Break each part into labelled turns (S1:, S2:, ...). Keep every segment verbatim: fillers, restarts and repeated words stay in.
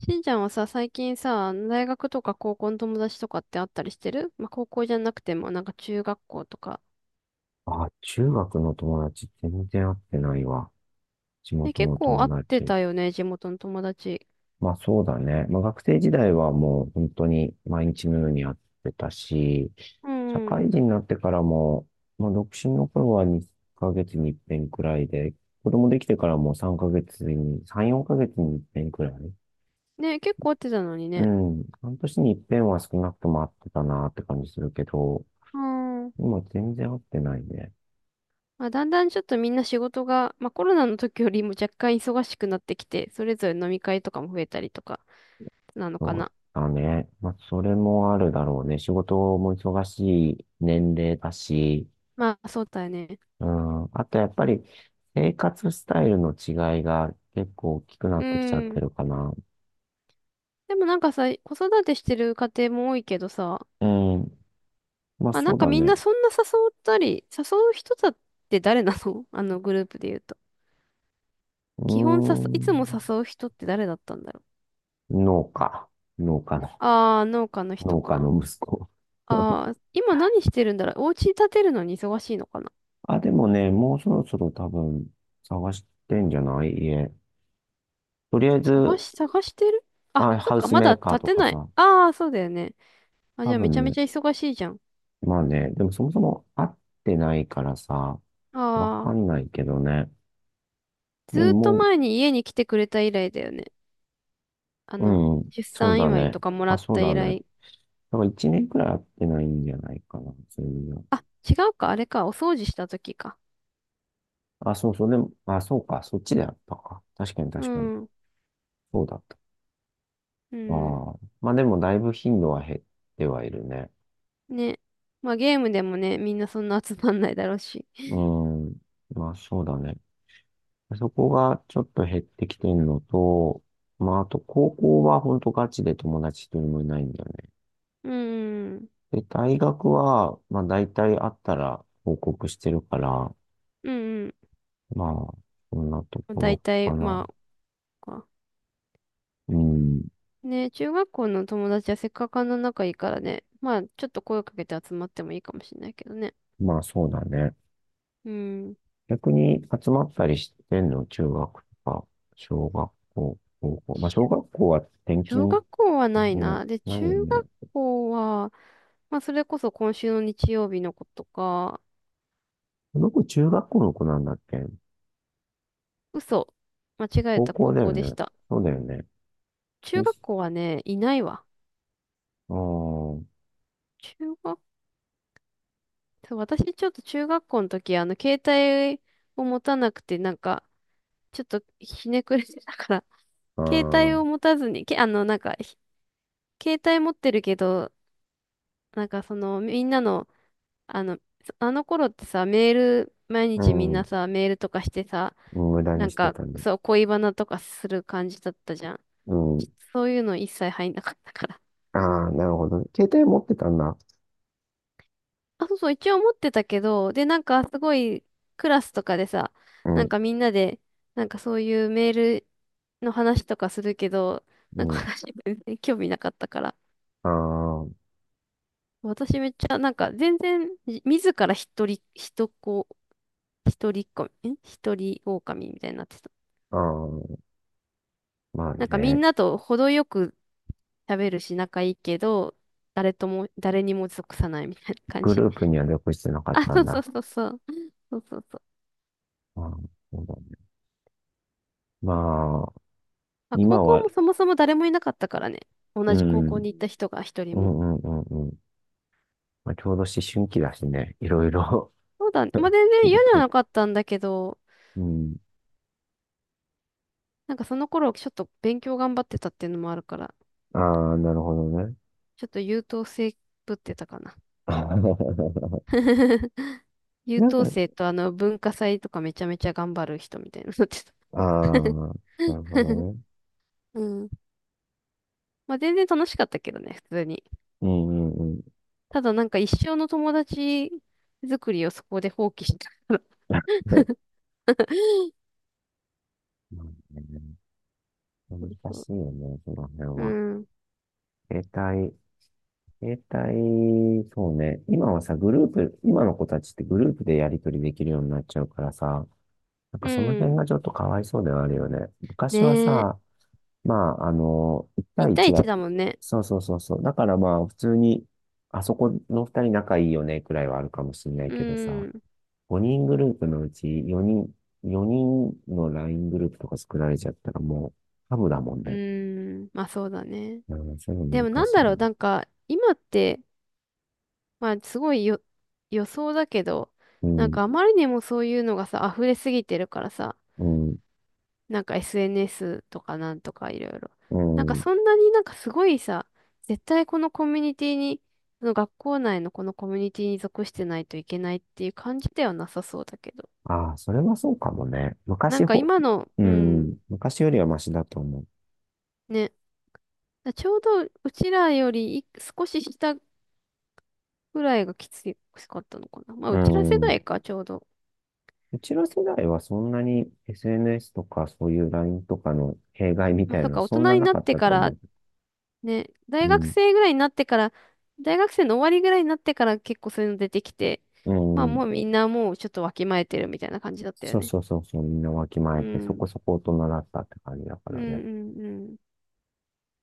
S1: しんちゃんはさ、最近さ、大学とか高校の友達とかってあったりしてる、まあ、高校じゃなくても、なんか中学校とか。
S2: あ、中学の友達全然会ってないわ。地
S1: ね、
S2: 元
S1: 結
S2: の
S1: 構
S2: 友
S1: 会って
S2: 達。
S1: たよね、地元の友達。
S2: まあそうだね。まあ学生時代はもう本当に毎日のように会ってたし、
S1: う
S2: 社
S1: ん。
S2: 会人になってからも、まあ独身の頃はにかげつに一遍くらいで、子供できてからもさんかげつに、さん、よんかげつに一遍くらい。
S1: ね、結構会ってたのに
S2: う
S1: ね。
S2: ん。半年に一遍は少なくとも会ってたなって感じするけど、
S1: うん。
S2: 今全然会ってないね。
S1: まあ、だんだんちょっとみんな仕事が、まあ、コロナの時よりも若干忙しくなってきて、それぞれ飲み会とかも増えたりとか、なのか
S2: そう
S1: な。
S2: だね。まあ、それもあるだろうね。仕事も忙しい年齢だし、
S1: まあ、そうだよね。
S2: うん。あとやっぱり生活スタイルの違いが結構大きくな
S1: う
S2: ってきちゃって
S1: ん。
S2: るかな。
S1: でもなんかさ、子育てしてる家庭も多いけどさ、
S2: うん。まあ
S1: まあ、な
S2: そ
S1: ん
S2: う
S1: か
S2: だ
S1: みん
S2: ね。
S1: なそんな誘ったり、誘う人だって誰なの？ あのグループで言うと。
S2: う
S1: 基本誘、
S2: ー
S1: いつも
S2: ん。
S1: 誘う人って誰だったんだろう。
S2: 農家。農家の、
S1: ああ、農家の人
S2: 農家
S1: か。
S2: の息子。
S1: ああ、今何してるんだろう。お家建てるのに忙しいのかな。
S2: あ、でもね、もうそろそろ多分探してんじゃない家。とりあえ
S1: 探
S2: ず、
S1: し、探してる。あ、
S2: あ、
S1: そっ
S2: ハウ
S1: か、
S2: ス
S1: ま
S2: メー
S1: だ
S2: カー
S1: 建
S2: と
S1: て
S2: か
S1: ない。
S2: さ、
S1: ああ、そうだよね。あ、じ
S2: 多
S1: ゃあめち
S2: 分
S1: ゃめ
S2: ね、
S1: ちゃ忙しいじゃん。
S2: まあね、でもそもそも会ってないからさ、わか
S1: ああ、
S2: んないけどね。
S1: ず
S2: で
S1: ーっと
S2: も、
S1: 前に家に来てくれた以来だよね。あの、
S2: うん、
S1: 出
S2: そう
S1: 産
S2: だ
S1: 祝い
S2: ね。
S1: とかもら
S2: あ、
S1: っ
S2: そう
S1: た
S2: だ
S1: 以
S2: ね。
S1: 来。
S2: だから一年くらい会ってないんじゃないかな、そういうの。
S1: あ、違うか、あれか、お掃除した時か。
S2: あ、そうそう、でも、あ、そうか、そっちであったか。確かに、
S1: う
S2: 確かに。
S1: ん。
S2: そうだった。
S1: うん。
S2: ああ。まあでも、だいぶ頻度は減ってはいるね。
S1: ね。まあゲームでもね、みんなそんな集まんないだろうし。
S2: う ん。まあそうだね。そこがちょっと減ってきてるのと、まああと高校は本当ガチで友達一人もいないんだよね。
S1: うん。
S2: で、大学は、まあ大体あったら報告してるから、
S1: うん
S2: まあ、そんなと
S1: うん。
S2: こ
S1: だい
S2: ろ
S1: たい、
S2: かな。
S1: まあ、か
S2: うん。
S1: ね、中学校の友達はせっかくあんな仲いいからね。まあ、ちょっと声をかけて集まってもいいかもしれないけどね。
S2: まあそうだね。
S1: うん。
S2: 逆に集まったりしてんの、中学とか、小学校、高校。まあ小学校は転
S1: 小
S2: 勤、
S1: 学校はない
S2: ね、
S1: な。で、
S2: ない
S1: 中
S2: よね。
S1: 学校は、まあ、それこそ今週の日曜日のことか、
S2: この子中学校の子なんだっけ？
S1: 嘘、間違え
S2: 高
S1: た、
S2: 校
S1: 高
S2: だよ
S1: 校でし
S2: ね。
S1: た。
S2: そうだよね。
S1: 中
S2: よ
S1: 学
S2: し。
S1: 校はね、いないわ。
S2: あー。
S1: 中学、そう、私ちょっと中学校の時、あの、携帯を持たなくて、なんか、ちょっとひねくれてたから、
S2: あ
S1: 携帯
S2: ー、
S1: を持たずに、け、あの、なんか、ひ、携帯持ってるけど、なんかその、みんなの、あの、そ、あの頃ってさ、メール、毎
S2: う
S1: 日みんな
S2: ん。
S1: さ、メールとかしてさ、
S2: 無駄
S1: な
S2: に
S1: ん
S2: して
S1: か、
S2: たね。
S1: そう、恋バナとかする感じだったじゃん。
S2: うん。
S1: そういうの一切入んなかったから。
S2: ああ、なるほどね。携帯持ってたんだ。
S1: あ、そうそう、一応持ってたけど、で、なんかすごいクラスとかでさ、
S2: う
S1: なん
S2: ん。
S1: かみんなで、なんかそういうメールの話とかするけど、
S2: う
S1: なんか
S2: ん。
S1: 私全然興味なかったから。
S2: ああ。
S1: 私めっちゃ、なんか全然、じ自ら一人、一子、一人っ子、ん、一人狼みたいになってた。
S2: ああ、まあ
S1: なんかみん
S2: ね。
S1: なと程よく喋るし仲いいけど、誰とも、誰にも属さないみたいな感
S2: グ
S1: じ。
S2: ループには属してなかっ
S1: あ、
S2: た
S1: そ
S2: ん
S1: うそ
S2: だ。
S1: うそうそう。そうそうそう。
S2: ああ、そうだねまあ、
S1: まあ、高
S2: 今
S1: 校
S2: は、
S1: もそもそも誰もいなかったからね。同
S2: う
S1: じ高校
S2: ん、
S1: に行った人が一
S2: う
S1: 人も。
S2: ん、うん、うん、うん。まあ、ちょうど思春期だしね。いろいろ。
S1: そうだね。まあ、全
S2: ひ
S1: 然嫌
S2: ねく
S1: じゃ
S2: れ
S1: な
S2: て。
S1: かったんだけど、
S2: うん。
S1: なんかその頃ちょっと勉強頑張ってたっていうのもあるから、
S2: ああ、なるほどね。
S1: ちょっと優等生ぶってたかな。優
S2: なんか、
S1: 等生とあの文化祭とかめちゃめちゃ頑張る人みたいになってた。
S2: あ あ、なるほどね。
S1: うん。まあ、全然楽しかったけどね、普通に。
S2: うん、うん、うん。
S1: ただなんか一生の友達作りをそこで放棄したから。
S2: まあ ね。難
S1: そう、
S2: しいよね、その辺
S1: う
S2: は。
S1: ん。
S2: 携帯携帯、そうね。今はさ、グループ、今の子たちってグループでやり取りできるようになっちゃうからさ、なん
S1: う
S2: かその辺
S1: ん。
S2: がちょっとかわいそうではあるよね。昔は
S1: ねえ。
S2: さ、まあ、あの、いち
S1: いち
S2: 対
S1: 対
S2: いち
S1: いち
S2: だ。
S1: だもんね。
S2: そうそうそうそう。だからまあ、普通に、あそこのふたり仲いいよね、くらいはあるかもしれない
S1: う
S2: けどさ、
S1: ーん。
S2: ごにんグループのうち4人、4人の ライン グループとか作られちゃったらもう、ハブだもん
S1: う
S2: ね。
S1: ーん。まあそうだね。
S2: うん、そういう
S1: で
S2: の
S1: も
S2: 難
S1: なん
S2: しい
S1: だ
S2: よ
S1: ろう、
S2: ね。
S1: なんか今って、まあすごいよ予想だけど、
S2: う
S1: なん
S2: ん、
S1: かあまりにもそういうのがさ、溢れすぎてるからさ、
S2: うん、
S1: なんか エスエヌエス とかなんとかいろいろ。
S2: う
S1: なんか
S2: ん。
S1: そんなになんかすごいさ、絶対このコミュニティに、その学校内のこのコミュニティに属してないといけないっていう感じではなさそうだけど。
S2: ああ、それはそうかもね。
S1: な
S2: 昔
S1: んか
S2: ほ、
S1: 今の、
S2: う
S1: う
S2: ん、
S1: ん、
S2: 昔よりはマシだと思う。
S1: ね。ちょうどうちらよりい少し下ぐらいがきつかったのかな。まあ、
S2: う
S1: うちら世
S2: ん。
S1: 代か、ちょうど。
S2: うちの世代はそんなに エスエヌエス とかそういう ライン とかの弊害み
S1: まあ、
S2: たい
S1: そっ
S2: なの
S1: か、大
S2: そん
S1: 人
S2: な
S1: に
S2: な
S1: なっ
S2: かっ
S1: て
S2: た
S1: か
S2: と思
S1: ら、ね、
S2: う。
S1: 大
S2: う
S1: 学
S2: ん。
S1: 生ぐらいになってから、大学生の終わりぐらいになってから結構そういうの出てきて、
S2: う
S1: まあ、
S2: ん。
S1: もうみんなもうちょっとわきまえてるみたいな感じだったよ
S2: そう
S1: ね。
S2: そうそうそう、みんなわきま
S1: う
S2: えてそこ
S1: ん。
S2: そこ大人だったって感じだか
S1: うん
S2: らね。
S1: うん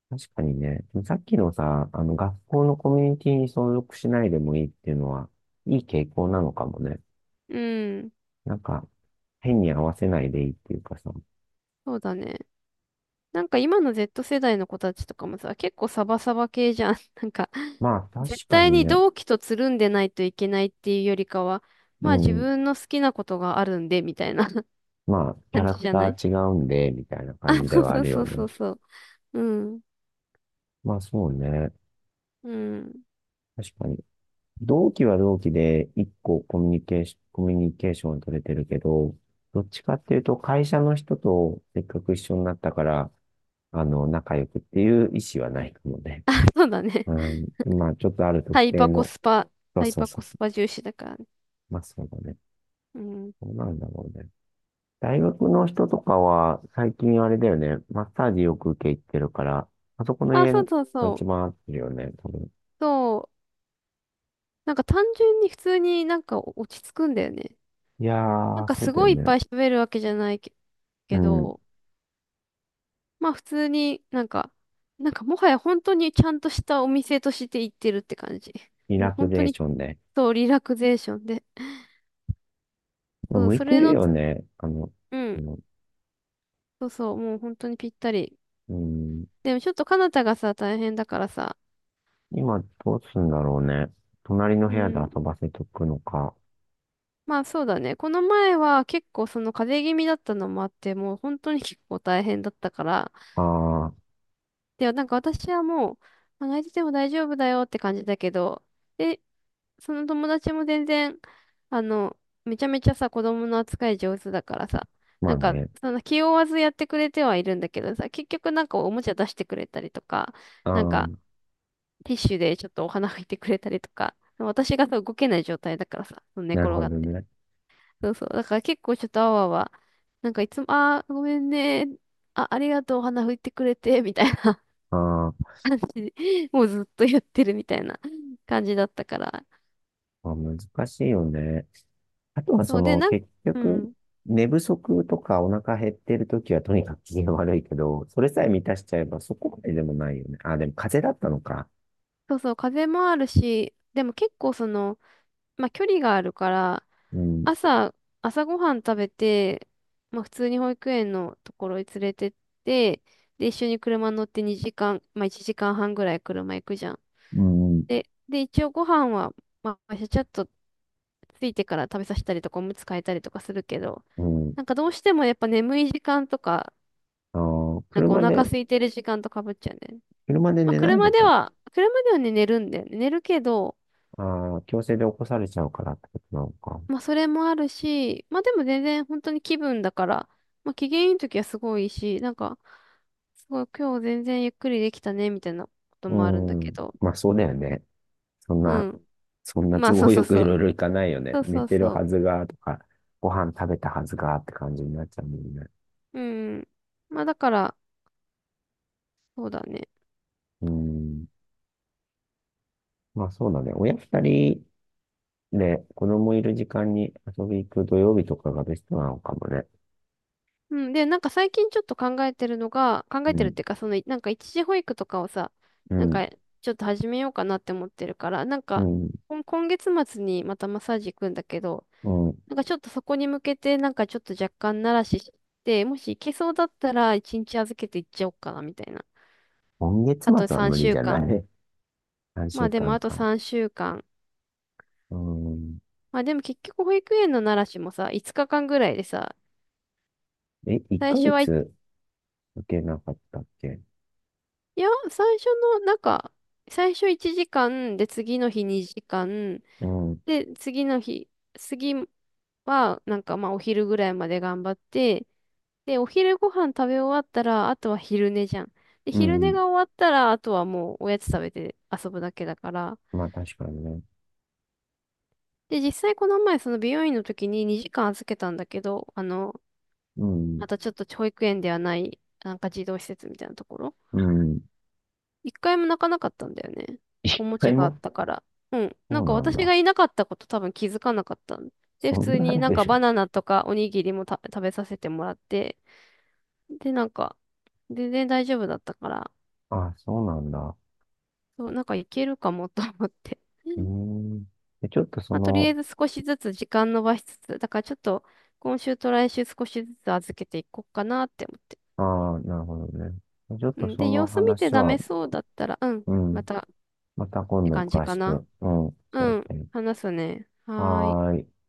S2: 確かにね、さっきのさ、あの学校のコミュニティに所属しないでもいいっていうのは、いい傾向なのかもね。
S1: うん。うん。
S2: なんか、変に合わせないでいいっていうかさ。
S1: そうだね。なんか今の ゼットせだいの子たちとかもさ、結構サバサバ系じゃん。なんか、
S2: まあ確
S1: 絶
S2: か
S1: 対
S2: に
S1: に
S2: ね、
S1: 同期とつるんでないといけないっていうよりかは、
S2: う
S1: まあ自
S2: ん。
S1: 分の好きなことがあるんで、みたいな。
S2: まあ、キャ
S1: 感
S2: ラ
S1: じ
S2: ク
S1: じゃな
S2: タ
S1: い？
S2: ー違うんで、みたいな感じ で
S1: そ
S2: はあ
S1: う
S2: る
S1: そ
S2: よ
S1: うそ
S2: ね。
S1: うそう。うん。
S2: まあ、そうね。
S1: うん。
S2: 確かに。同期は同期で、一個コミュニケーション、コミュニケーション取れてるけど、どっちかっていうと、会社の人とせっかく一緒になったから、あの、仲良くっていう意思はないかもね。
S1: そうだね。
S2: うん。まあ、ちょっとある
S1: タ
S2: 特
S1: イ
S2: 定
S1: パコ
S2: の、
S1: スパ、
S2: そ
S1: タ
S2: う
S1: イ
S2: そう
S1: パ
S2: そ
S1: コ
S2: う
S1: ス
S2: そ
S1: パ重視だからね。
S2: う。まあ、そうだね。
S1: うん。
S2: そうなんだろうね。大学の人とかは、最近あれだよね、マッサージよく受け入ってるから、あそこの
S1: あ、
S2: 家
S1: そうそう
S2: が
S1: そう。
S2: 一番合ってるよね、多分。
S1: そう。なんか単純に普通になんか落ち着くんだよね。
S2: いや
S1: なん
S2: ー、
S1: か
S2: そう
S1: す
S2: だよ
S1: ごいいっ
S2: ね。
S1: ぱい喋るわけじゃないけ、
S2: う
S1: け
S2: ん。
S1: ど、まあ普通になんか、なんかもはや本当にちゃんとしたお店として行ってるって感じ。
S2: リ
S1: もう
S2: ラク
S1: 本当
S2: ゼーシ
S1: に、
S2: ョンで。
S1: そうリラクゼーションで。そう、
S2: 向い
S1: そ
S2: て
S1: れ
S2: る
S1: の
S2: よ
S1: つ、
S2: ね。あの、
S1: う
S2: あ
S1: ん。
S2: の
S1: そうそう、もう本当にぴったり。
S2: うん、
S1: でもちょっとカナタがさ、大変だからさ。
S2: 今どうすんだろうね。隣の
S1: う
S2: 部屋で
S1: ん。
S2: 遊ばせとくのか。
S1: まあそうだね。この前は結構その風邪気味だったのもあって、もう本当に結構大変だったから。
S2: ああ、
S1: で、なんか私はもう、まあ泣いてても大丈夫だよって感じだけど、で、その友達も全然、あの、めちゃめちゃさ、子供の扱い上手だからさ、
S2: ま
S1: な
S2: あ
S1: んか、
S2: ね。
S1: その気負わずやってくれてはいるんだけどさ、結局なんかおもちゃ出してくれたりとか、
S2: あ
S1: なん
S2: あ、
S1: か、ティッシュでちょっとお花拭いてくれたりとか、私がさ動けない状態だからさ、寝
S2: な
S1: 転
S2: るほ
S1: がっ
S2: ど
S1: て。
S2: ね。
S1: そうそう。だから結構ちょっとあわあわ、なんかいつも、あー、ごめんね。あ、ありがとう、お花拭いてくれて、みたいな
S2: あー。
S1: 感じで、もうずっとやってるみたいな感じだったから。
S2: まあ、難しいよね。あとは
S1: そ
S2: そ
S1: うで、
S2: の
S1: なんか、
S2: 結
S1: う
S2: 局、
S1: ん。
S2: 寝不足とかお腹減ってるときはとにかく機嫌悪いけど、それさえ満たしちゃえばそこまででもないよね。あ、でも風邪だったのか。
S1: そうそう、風もあるし、でも結構その、まあ距離があるから、
S2: うん、
S1: 朝、朝ごはん食べて、まあ普通に保育園のところに連れてって、で、一緒に車乗ってにじかん、まあいちじかんはんぐらい車行くじゃん。
S2: うん、
S1: で、で、一応ご飯は、まあちゃちゃっとついてから食べさせたりとか、おむつ替えたりとかするけど、
S2: うん。
S1: なんかどうしてもやっぱ眠い時間とか、
S2: あー、
S1: なんかお
S2: 車で、
S1: 腹空いてる時間とかぶっちゃうんだよね。
S2: 車で
S1: まあ
S2: 寝ない
S1: 車
S2: の
S1: で
S2: か。
S1: は、車ではね、寝るんだよね。寝るけど、
S2: あー、強制で起こされちゃうからってことなのか。
S1: まあ、それもあるし、まあ、でも全然本当に気分だから、まあ、機嫌いい時はすごいいいし、なんか、すごい今日全然ゆっくりできたね、みたいなこともあるん
S2: う
S1: だけ
S2: ん。
S1: ど。
S2: まあそうだよね。そん
S1: う
S2: な、
S1: ん。
S2: そんな
S1: まあ、
S2: 都
S1: そう
S2: 合
S1: そう
S2: よく
S1: そ
S2: いろい
S1: う。
S2: ろいかないよね。
S1: そう
S2: 寝
S1: そう
S2: てる
S1: そ
S2: はずが、とか、ご飯食べたはずが、って感じになっちゃうもんね。
S1: う。うん。まあ、だから、そうだね。
S2: うん。まあそうだね。親二人で、子供いる時間に遊び行く土曜日とかがベストなのかもね。
S1: うん。で、なんか最近ちょっと考えてるのが、考え
S2: う
S1: てるっ
S2: ん、
S1: ていうか、その、なんか一時保育とかをさ、
S2: う
S1: なん
S2: ん、
S1: か、ちょっと始めようかなって思ってるから、なん
S2: う
S1: か、
S2: ん、
S1: こん今月末にまたマッサージ行くんだけど、
S2: うん。
S1: なんかちょっとそこに向けて、なんかちょっと若干慣らしして、もし行けそうだったらいちにち預けて行っちゃおうかな、みたいな。
S2: 今月
S1: あと
S2: 末は無
S1: 3
S2: 理じ
S1: 週
S2: ゃな
S1: 間。
S2: い？ さん
S1: ま
S2: 週
S1: あでも
S2: 間
S1: あと
S2: か。
S1: さんしゅうかん。
S2: うん。
S1: まあでも結局保育園の慣らしもさ、いつかかんぐらいでさ、
S2: え、1
S1: 最初
S2: ヶ
S1: はい、
S2: 月受けなかったっけ？
S1: いや、最初の、なんか、最初いちじかん、で、次の日にじかん、
S2: うん、
S1: で、次の日、次は、なんかまあお昼ぐらいまで頑張って、で、お昼ご飯食べ終わったら、あとは昼寝じゃん。で、
S2: う
S1: 昼寝
S2: ん。
S1: が終わったら、あとはもうおやつ食べて遊ぶだけだから。
S2: まあ確かにね。
S1: で、実際この前、その美容院の時ににじかん預けたんだけど、あの、
S2: うん、
S1: またちょっと保育園ではない、なんか児童施設みたいなところ。
S2: うん。
S1: 一回も泣かなかったんだよね。お
S2: 一
S1: もち
S2: 回
S1: ゃがあっ
S2: も？
S1: たから。うん。な
S2: そ
S1: ん
S2: う
S1: か
S2: なん
S1: 私
S2: だ。
S1: がいなかったこと多分気づかなかったん。で、普
S2: そん
S1: 通
S2: な
S1: に
S2: レ
S1: なん
S2: ベ
S1: か
S2: ル。
S1: バナナとかおにぎりもた食べさせてもらって、で、なんか、全然大丈夫だったから、
S2: あ、そうなんだ。
S1: そう、なんかいけるかもと思って。う
S2: うー
S1: ん、
S2: ん。で、ちょっとそ
S1: まあ、とりあえ
S2: の、
S1: ず少しずつ時間延ばしつつ、だからちょっと今週と来週少しずつ預けていこうかなって思って。
S2: ああ、なるほどね。ちょっ
S1: う
S2: と
S1: ん、
S2: そ
S1: で、
S2: の
S1: 様子見て
S2: 話
S1: ダ
S2: は、
S1: メそうだったら、うん、
S2: うん。
S1: またっ
S2: また今
S1: て
S2: 度
S1: 感じ
S2: 詳
S1: か
S2: しく、う
S1: な。
S2: ん、教え
S1: うん、
S2: て。
S1: 話すね。はーい。
S2: はーい。